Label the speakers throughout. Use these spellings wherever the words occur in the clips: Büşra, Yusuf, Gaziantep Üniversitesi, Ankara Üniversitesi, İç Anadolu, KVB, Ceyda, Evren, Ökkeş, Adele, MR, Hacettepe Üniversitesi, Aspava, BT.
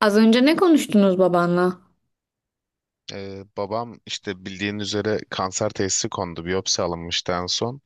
Speaker 1: Az önce ne konuştunuz babanla?
Speaker 2: Babam işte bildiğin üzere kanser teşhisi kondu. Biyopsi alınmıştı en son.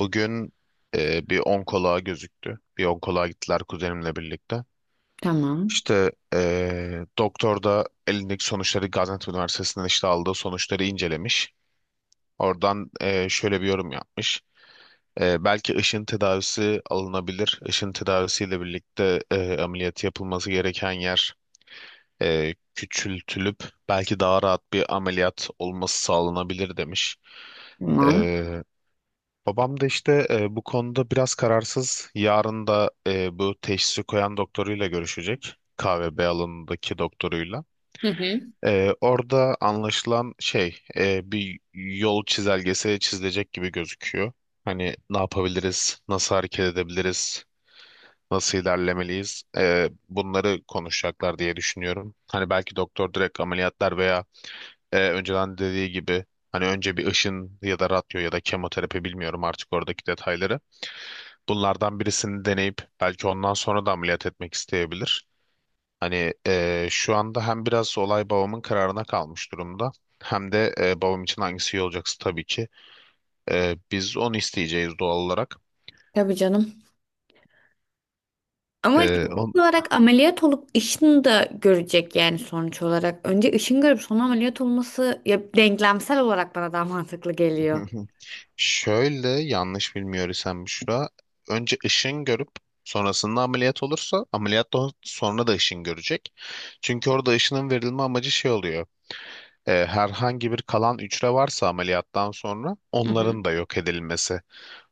Speaker 2: Bugün bir onkoloğa gözüktü. Bir onkoloğa gittiler kuzenimle birlikte.
Speaker 1: Tamam.
Speaker 2: İşte doktor da elindeki sonuçları Gaziantep Üniversitesi'nden işte aldığı sonuçları incelemiş. Oradan şöyle bir yorum yapmış. Belki ışın tedavisi alınabilir. Işın tedavisiyle birlikte ameliyatı yapılması gereken yer küçültülüp belki daha rahat bir ameliyat olması sağlanabilir demiş.
Speaker 1: Tamam.
Speaker 2: E, babam da işte bu konuda biraz kararsız. Yarın da bu teşhisi koyan doktoruyla görüşecek. KVB alanındaki doktoruyla.
Speaker 1: Hı hı.
Speaker 2: Orada anlaşılan şey bir yol çizelgesi çizilecek gibi gözüküyor. Hani ne yapabiliriz, nasıl hareket edebiliriz, nasıl ilerlemeliyiz? Bunları konuşacaklar diye düşünüyorum. Hani belki doktor direkt ameliyatlar veya önceden dediği gibi hani önce bir ışın ya da radyo ya da kemoterapi bilmiyorum artık oradaki detayları. Bunlardan birisini deneyip belki ondan sonra da ameliyat etmek isteyebilir. Hani şu anda hem biraz olay babamın kararına kalmış durumda. Hem de babam için hangisi iyi olacaksa tabii ki. Biz onu isteyeceğiz doğal olarak.
Speaker 1: Tabii canım. Ama
Speaker 2: E, on...
Speaker 1: teknik olarak ameliyat olup Işın'ı da görecek yani sonuç olarak. Önce Işın görüp sonra ameliyat olması ya denklemsel olarak bana daha mantıklı geliyor.
Speaker 2: Şöyle yanlış bilmiyor isem Büşra. Önce ışın görüp sonrasında ameliyat olursa ameliyattan sonra da ışın görecek. Çünkü orada ışının verilme amacı şey oluyor. Herhangi bir kalan hücre varsa ameliyattan sonra
Speaker 1: Hı hı.
Speaker 2: onların da yok edilmesi.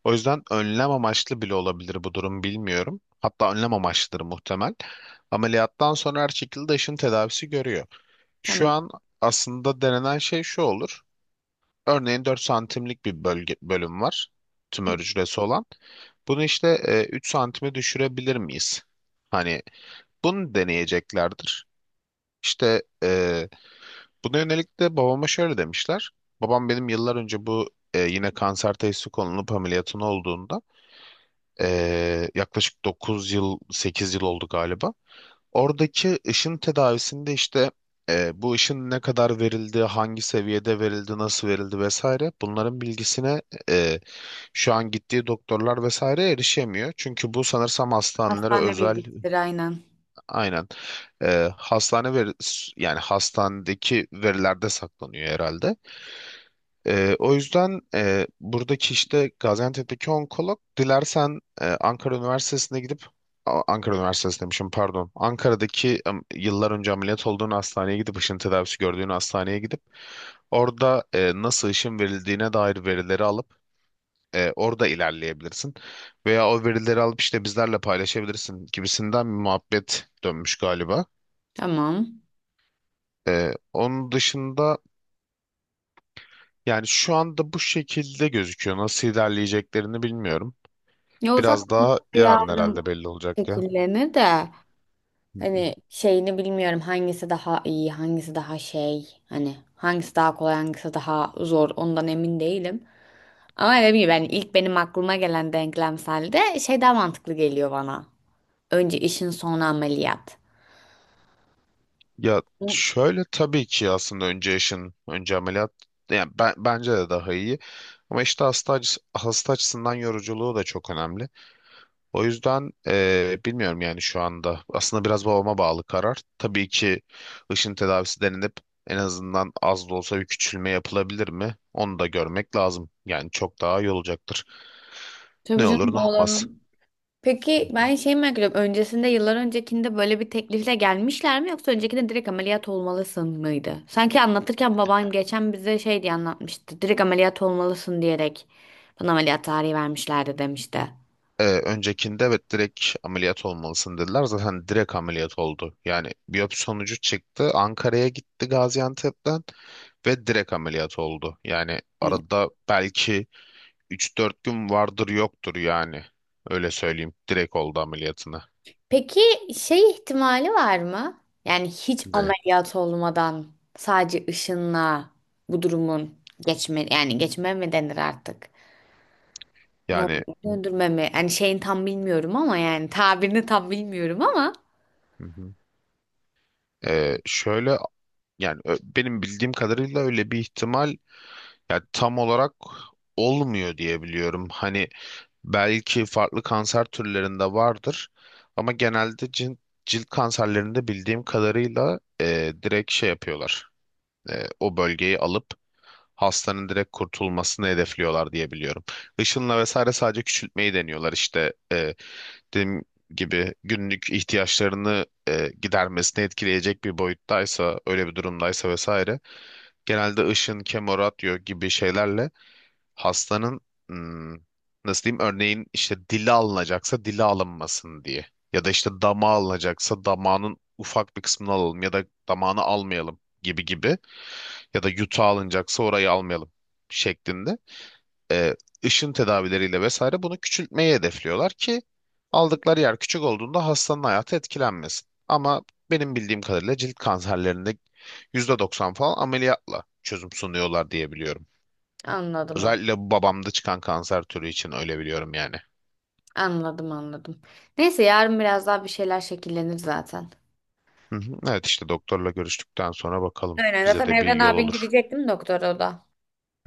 Speaker 2: O yüzden önlem amaçlı bile olabilir bu durum bilmiyorum. Hatta önlem amaçlıdır muhtemel. Ameliyattan sonra her şekilde ışın tedavisi görüyor. Şu
Speaker 1: Tamam.
Speaker 2: an aslında denenen şey şu olur. Örneğin 4 santimlik bir bölüm var. Tümör
Speaker 1: Hı.
Speaker 2: hücresi olan. Bunu işte 3 santime düşürebilir miyiz? Hani bunu deneyeceklerdir. İşte buna yönelik de babama şöyle demişler. Babam benim yıllar önce bu yine kanser teşhisi konulup ameliyatın olduğunda yaklaşık 9 yıl 8 yıl oldu galiba. Oradaki ışın tedavisinde işte bu ışın ne kadar verildi, hangi seviyede verildi, nasıl verildi vesaire bunların bilgisine e, şu an gittiği doktorlar vesaire erişemiyor. Çünkü bu sanırsam hastanelere
Speaker 1: Hastane
Speaker 2: özel
Speaker 1: bilgisidir aynen.
Speaker 2: aynen e, hastane veri, yani hastanedeki verilerde saklanıyor herhalde. O yüzden buradaki işte Gaziantep'teki onkolog dilersen Ankara Üniversitesi'ne gidip Ankara Üniversitesi demişim pardon. Ankara'daki yıllar önce ameliyat olduğun hastaneye gidip ışın tedavisi gördüğün hastaneye gidip orada nasıl ışın verildiğine dair verileri alıp orada ilerleyebilirsin. Veya o verileri alıp işte bizlerle paylaşabilirsin gibisinden bir muhabbet dönmüş galiba.
Speaker 1: Tamam.
Speaker 2: Onun dışında yani şu anda bu şekilde gözüküyor. Nasıl ilerleyeceklerini bilmiyorum.
Speaker 1: Ya o zaten
Speaker 2: Biraz daha yarın
Speaker 1: yarın
Speaker 2: herhalde belli olacak ya.
Speaker 1: şekillenir de hani şeyini bilmiyorum, hangisi daha iyi, hangisi daha şey, hani hangisi daha kolay, hangisi daha zor, ondan emin değilim. Ama dediğim gibi yani ilk benim aklıma gelen denklemselde şey daha mantıklı geliyor bana. Önce işin, sonra ameliyat.
Speaker 2: Ya
Speaker 1: Hı.
Speaker 2: şöyle tabii ki aslında önce yaşın, önce ameliyat yani bence de daha iyi. Ama işte hasta açısından yoruculuğu da çok önemli. O yüzden bilmiyorum yani şu anda. Aslında biraz babama bağlı karar. Tabii ki ışın tedavisi denilip en azından az da olsa bir küçülme yapılabilir mi? Onu da görmek lazım. Yani çok daha iyi olacaktır.
Speaker 1: Tabii
Speaker 2: Ne olur
Speaker 1: canım
Speaker 2: ne olmaz.
Speaker 1: oğlanın. Peki ben şey merak ediyorum. Öncesinde, yıllar öncekinde, böyle bir teklifle gelmişler mi, yoksa öncekinde direkt ameliyat olmalısın mıydı? Sanki anlatırken babam geçen bize şey diye anlatmıştı. Direkt ameliyat olmalısın diyerek bana ameliyat tarihi vermişlerdi demişti.
Speaker 2: Öncekinde evet direkt ameliyat olmalısın dediler. Zaten direkt ameliyat oldu. Yani biyopsi sonucu çıktı. Ankara'ya gitti Gaziantep'ten ve direkt ameliyat oldu. Yani
Speaker 1: Hı.
Speaker 2: arada belki 3-4 gün vardır yoktur yani. Öyle söyleyeyim. Direkt oldu ameliyatına.
Speaker 1: Peki şey ihtimali var mı? Yani hiç
Speaker 2: Ne?
Speaker 1: ameliyat olmadan sadece ışınla bu durumun geçme, yani geçme mi denir artık? Ne
Speaker 2: Yani
Speaker 1: oluyor? Döndürme mi? Yani şeyin tam bilmiyorum ama yani tabirini tam bilmiyorum ama
Speaker 2: hı hı. Şöyle yani benim bildiğim kadarıyla öyle bir ihtimal yani tam olarak olmuyor diye biliyorum. Hani belki farklı kanser türlerinde vardır ama genelde cilt kanserlerinde bildiğim kadarıyla direkt şey yapıyorlar. O bölgeyi alıp hastanın direkt kurtulmasını hedefliyorlar diye biliyorum. Işınla vesaire sadece küçültmeyi deniyorlar işte dediğim gibi günlük ihtiyaçlarını gidermesini etkileyecek bir boyuttaysa öyle bir durumdaysa vesaire genelde ışın, kemoradyo gibi şeylerle hastanın hmm, nasıl diyeyim örneğin işte dili alınacaksa dili alınmasın diye ya da işte damağı alınacaksa damağının ufak bir kısmını alalım ya da damağını almayalım gibi gibi ya da yutağı alınacaksa orayı almayalım şeklinde e, ışın tedavileriyle vesaire bunu küçültmeyi hedefliyorlar ki aldıkları yer küçük olduğunda hastanın hayatı etkilenmesin. Ama benim bildiğim kadarıyla cilt kanserlerinde %90 falan ameliyatla çözüm sunuyorlar diye biliyorum.
Speaker 1: anladım
Speaker 2: Özellikle bu babamda çıkan kanser türü için öyle biliyorum yani.
Speaker 1: anladım anladım. Neyse yarın biraz daha bir şeyler şekillenir zaten.
Speaker 2: Hı hı. Evet işte doktorla görüştükten sonra bakalım.
Speaker 1: Aynen,
Speaker 2: Bize
Speaker 1: zaten
Speaker 2: de bir
Speaker 1: Evren
Speaker 2: yol
Speaker 1: abin
Speaker 2: olur.
Speaker 1: gidecektim doktora o da.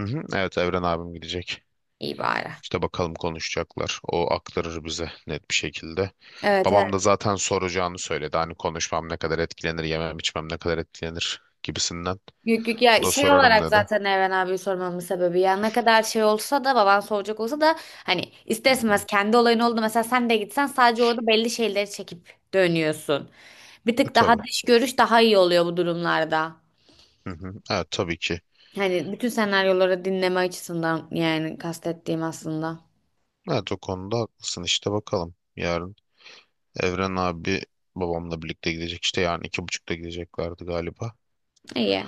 Speaker 2: Hı hı. Evet Evren abim gidecek.
Speaker 1: İyi bari.
Speaker 2: İşte bakalım konuşacaklar. O aktarır bize net bir şekilde.
Speaker 1: Evet, evet.
Speaker 2: Babam da zaten soracağını söyledi. Hani konuşmam ne kadar etkilenir, yemem içmem ne kadar etkilenir gibisinden.
Speaker 1: Yok, yok
Speaker 2: O
Speaker 1: ya,
Speaker 2: da
Speaker 1: şey
Speaker 2: sorarım
Speaker 1: olarak
Speaker 2: dedi.
Speaker 1: zaten Evren abi sormamın sebebi, ya ne kadar şey olsa da, baban soracak olsa da, hani ister
Speaker 2: Hı hı.
Speaker 1: istemez kendi olayın oldu, mesela sen de gitsen sadece orada belli şeyleri çekip dönüyorsun. Bir
Speaker 2: E,
Speaker 1: tık daha
Speaker 2: tabii.
Speaker 1: dış görüş daha iyi oluyor bu durumlarda.
Speaker 2: Hı hı. Evet tabii ki.
Speaker 1: Hani bütün senaryoları dinleme açısından, yani kastettiğim aslında.
Speaker 2: Evet o konuda haklısın işte bakalım. Yarın Evren abi babamla birlikte gidecek işte yani 2.30'da gideceklerdi galiba.
Speaker 1: İyi.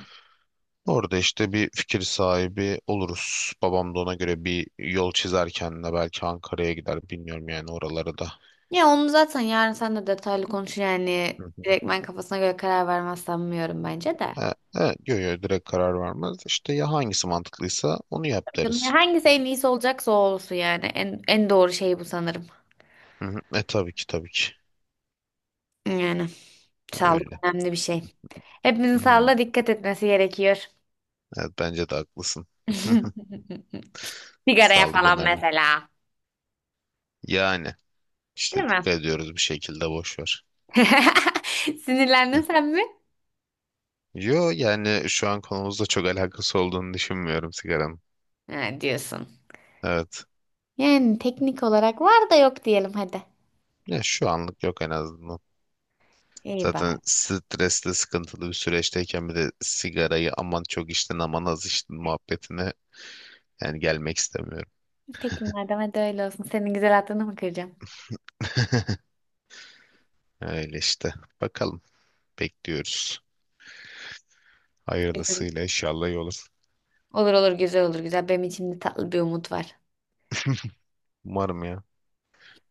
Speaker 2: Orada işte bir fikir sahibi oluruz. Babam da ona göre bir yol çizer kendine belki Ankara'ya gider bilmiyorum yani oralara da.
Speaker 1: Ya onu zaten yarın sen de detaylı konuşun, yani
Speaker 2: Hı hı.
Speaker 1: direkt ben kafasına göre karar vermez sanmıyorum bence de.
Speaker 2: Evet, yo, yo, direkt karar vermez. İşte ya hangisi mantıklıysa onu yap
Speaker 1: Canım, ya
Speaker 2: deriz.
Speaker 1: hangisi en iyisi olacaksa o olsun yani, en, en doğru şey bu sanırım.
Speaker 2: Hı hı. Tabii ki tabii ki
Speaker 1: Yani sağlık
Speaker 2: öyle.
Speaker 1: önemli bir şey. Hepimizin
Speaker 2: Hı hı.
Speaker 1: sağlığına dikkat etmesi gerekiyor.
Speaker 2: Evet bence de haklısın.
Speaker 1: Sigaraya
Speaker 2: Sağlık
Speaker 1: falan
Speaker 2: önemli.
Speaker 1: mesela.
Speaker 2: Yani
Speaker 1: Değil
Speaker 2: işte
Speaker 1: mi?
Speaker 2: dikkat ediyoruz bir şekilde boş ver.
Speaker 1: Sinirlendin sen mi?
Speaker 2: Yo yani şu an konumuzla çok alakası olduğunu düşünmüyorum sigaranın.
Speaker 1: Ha, diyorsun.
Speaker 2: Evet.
Speaker 1: Yani teknik olarak var da yok diyelim hadi.
Speaker 2: Ya şu anlık yok en azından.
Speaker 1: İyi
Speaker 2: Zaten
Speaker 1: bari.
Speaker 2: stresli, sıkıntılı bir süreçteyken bir de sigarayı aman çok içtin aman az içtin muhabbetine yani gelmek istemiyorum.
Speaker 1: Peki madem, hadi öyle olsun. Senin güzel aklını mı kıracağım?
Speaker 2: Öyle işte. Bakalım. Bekliyoruz.
Speaker 1: Güzel.
Speaker 2: Hayırlısıyla inşallah iyi olur.
Speaker 1: Olur olur, güzel olur, güzel. Benim içimde tatlı bir umut var.
Speaker 2: Umarım ya.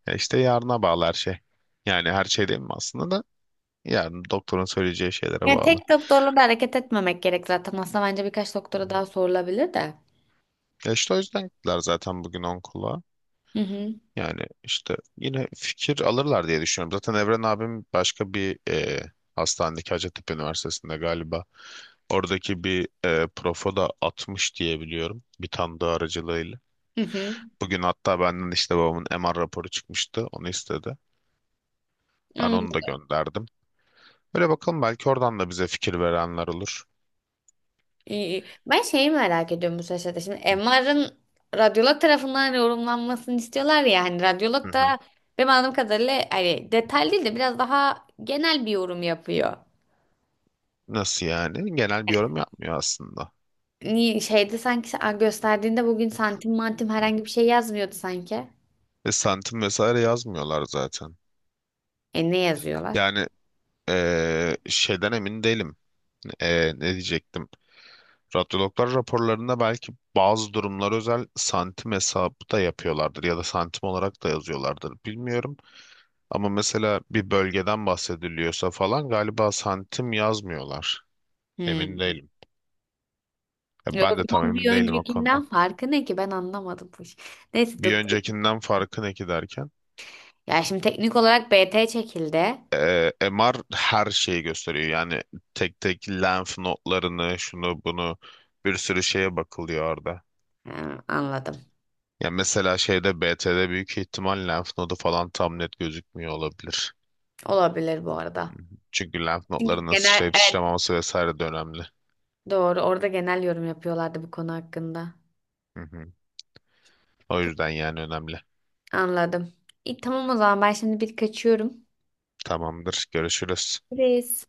Speaker 2: Ya işte yarına bağlı her şey. Yani her şey değil mi aslında da yarın doktorun söyleyeceği şeylere
Speaker 1: Yani
Speaker 2: bağlı.
Speaker 1: tek doktorla da hareket etmemek gerek zaten. Aslında bence birkaç doktora daha sorulabilir de.
Speaker 2: Ya işte o yüzden gittiler zaten bugün onkoloğa.
Speaker 1: Hı hı.
Speaker 2: Yani işte yine fikir alırlar diye düşünüyorum. Zaten Evren abim başka bir hastanedeki Hacettepe Üniversitesi'nde galiba oradaki bir profo da atmış diye biliyorum bir tanıdığı aracılığıyla.
Speaker 1: Hı hı.
Speaker 2: Bugün hatta benden işte babamın MR raporu çıkmıştı onu istedi. Ben onu
Speaker 1: Anladım.
Speaker 2: da gönderdim. Böyle bakalım belki oradan da bize fikir verenler olur.
Speaker 1: Ben şeyi merak ediyorum bu sırada. Şimdi MR'ın radyolog tarafından yorumlanmasını istiyorlar ya. Hani
Speaker 2: Hı
Speaker 1: radyolog da
Speaker 2: hı.
Speaker 1: benim anladığım kadarıyla hani detaylı değil de biraz daha genel bir yorum yapıyor.
Speaker 2: Nasıl yani? Genel bir yorum yapmıyor aslında.
Speaker 1: Niye şeyde sanki sen- gösterdiğinde bugün santim mantim herhangi bir şey yazmıyordu sanki.
Speaker 2: Ve santim vesaire yazmıyorlar zaten.
Speaker 1: E ne yazıyorlar?
Speaker 2: Yani şeyden emin değilim. Ne diyecektim? Radyologlar raporlarında belki bazı durumlar özel santim hesabı da yapıyorlardır ya da santim olarak da yazıyorlardır bilmiyorum. Ama mesela bir bölgeden bahsediliyorsa falan galiba santim yazmıyorlar. Emin
Speaker 1: Hmm.
Speaker 2: değilim. Ya
Speaker 1: E o
Speaker 2: ben de tam
Speaker 1: zaman bir
Speaker 2: emin değilim o
Speaker 1: öncekinden
Speaker 2: konuda.
Speaker 1: farkı ne ki, ben anlamadım bu iş. Neyse,
Speaker 2: Bir
Speaker 1: doktor.
Speaker 2: öncekinden farkı ne ki derken?
Speaker 1: Ya şimdi teknik olarak BT çekildi.
Speaker 2: MR her şeyi gösteriyor. Yani tek tek lenf notlarını, şunu bunu bir sürü şeye bakılıyor orada.
Speaker 1: Ha, anladım.
Speaker 2: Ya mesela şeyde BT'de büyük ihtimal lenf nodu falan tam net gözükmüyor olabilir.
Speaker 1: Olabilir bu arada.
Speaker 2: Hı hı. Çünkü lenf
Speaker 1: Çünkü
Speaker 2: notlarının
Speaker 1: genel,
Speaker 2: sıçrayıp
Speaker 1: evet.
Speaker 2: sıçramaması vesaire de önemli.
Speaker 1: Doğru. Orada genel yorum yapıyorlardı bu konu hakkında.
Speaker 2: Hı hı. O yüzden yani önemli.
Speaker 1: Anladım. İyi, tamam, o zaman ben şimdi bir kaçıyorum.
Speaker 2: Tamamdır. Görüşürüz.
Speaker 1: Görüşürüz.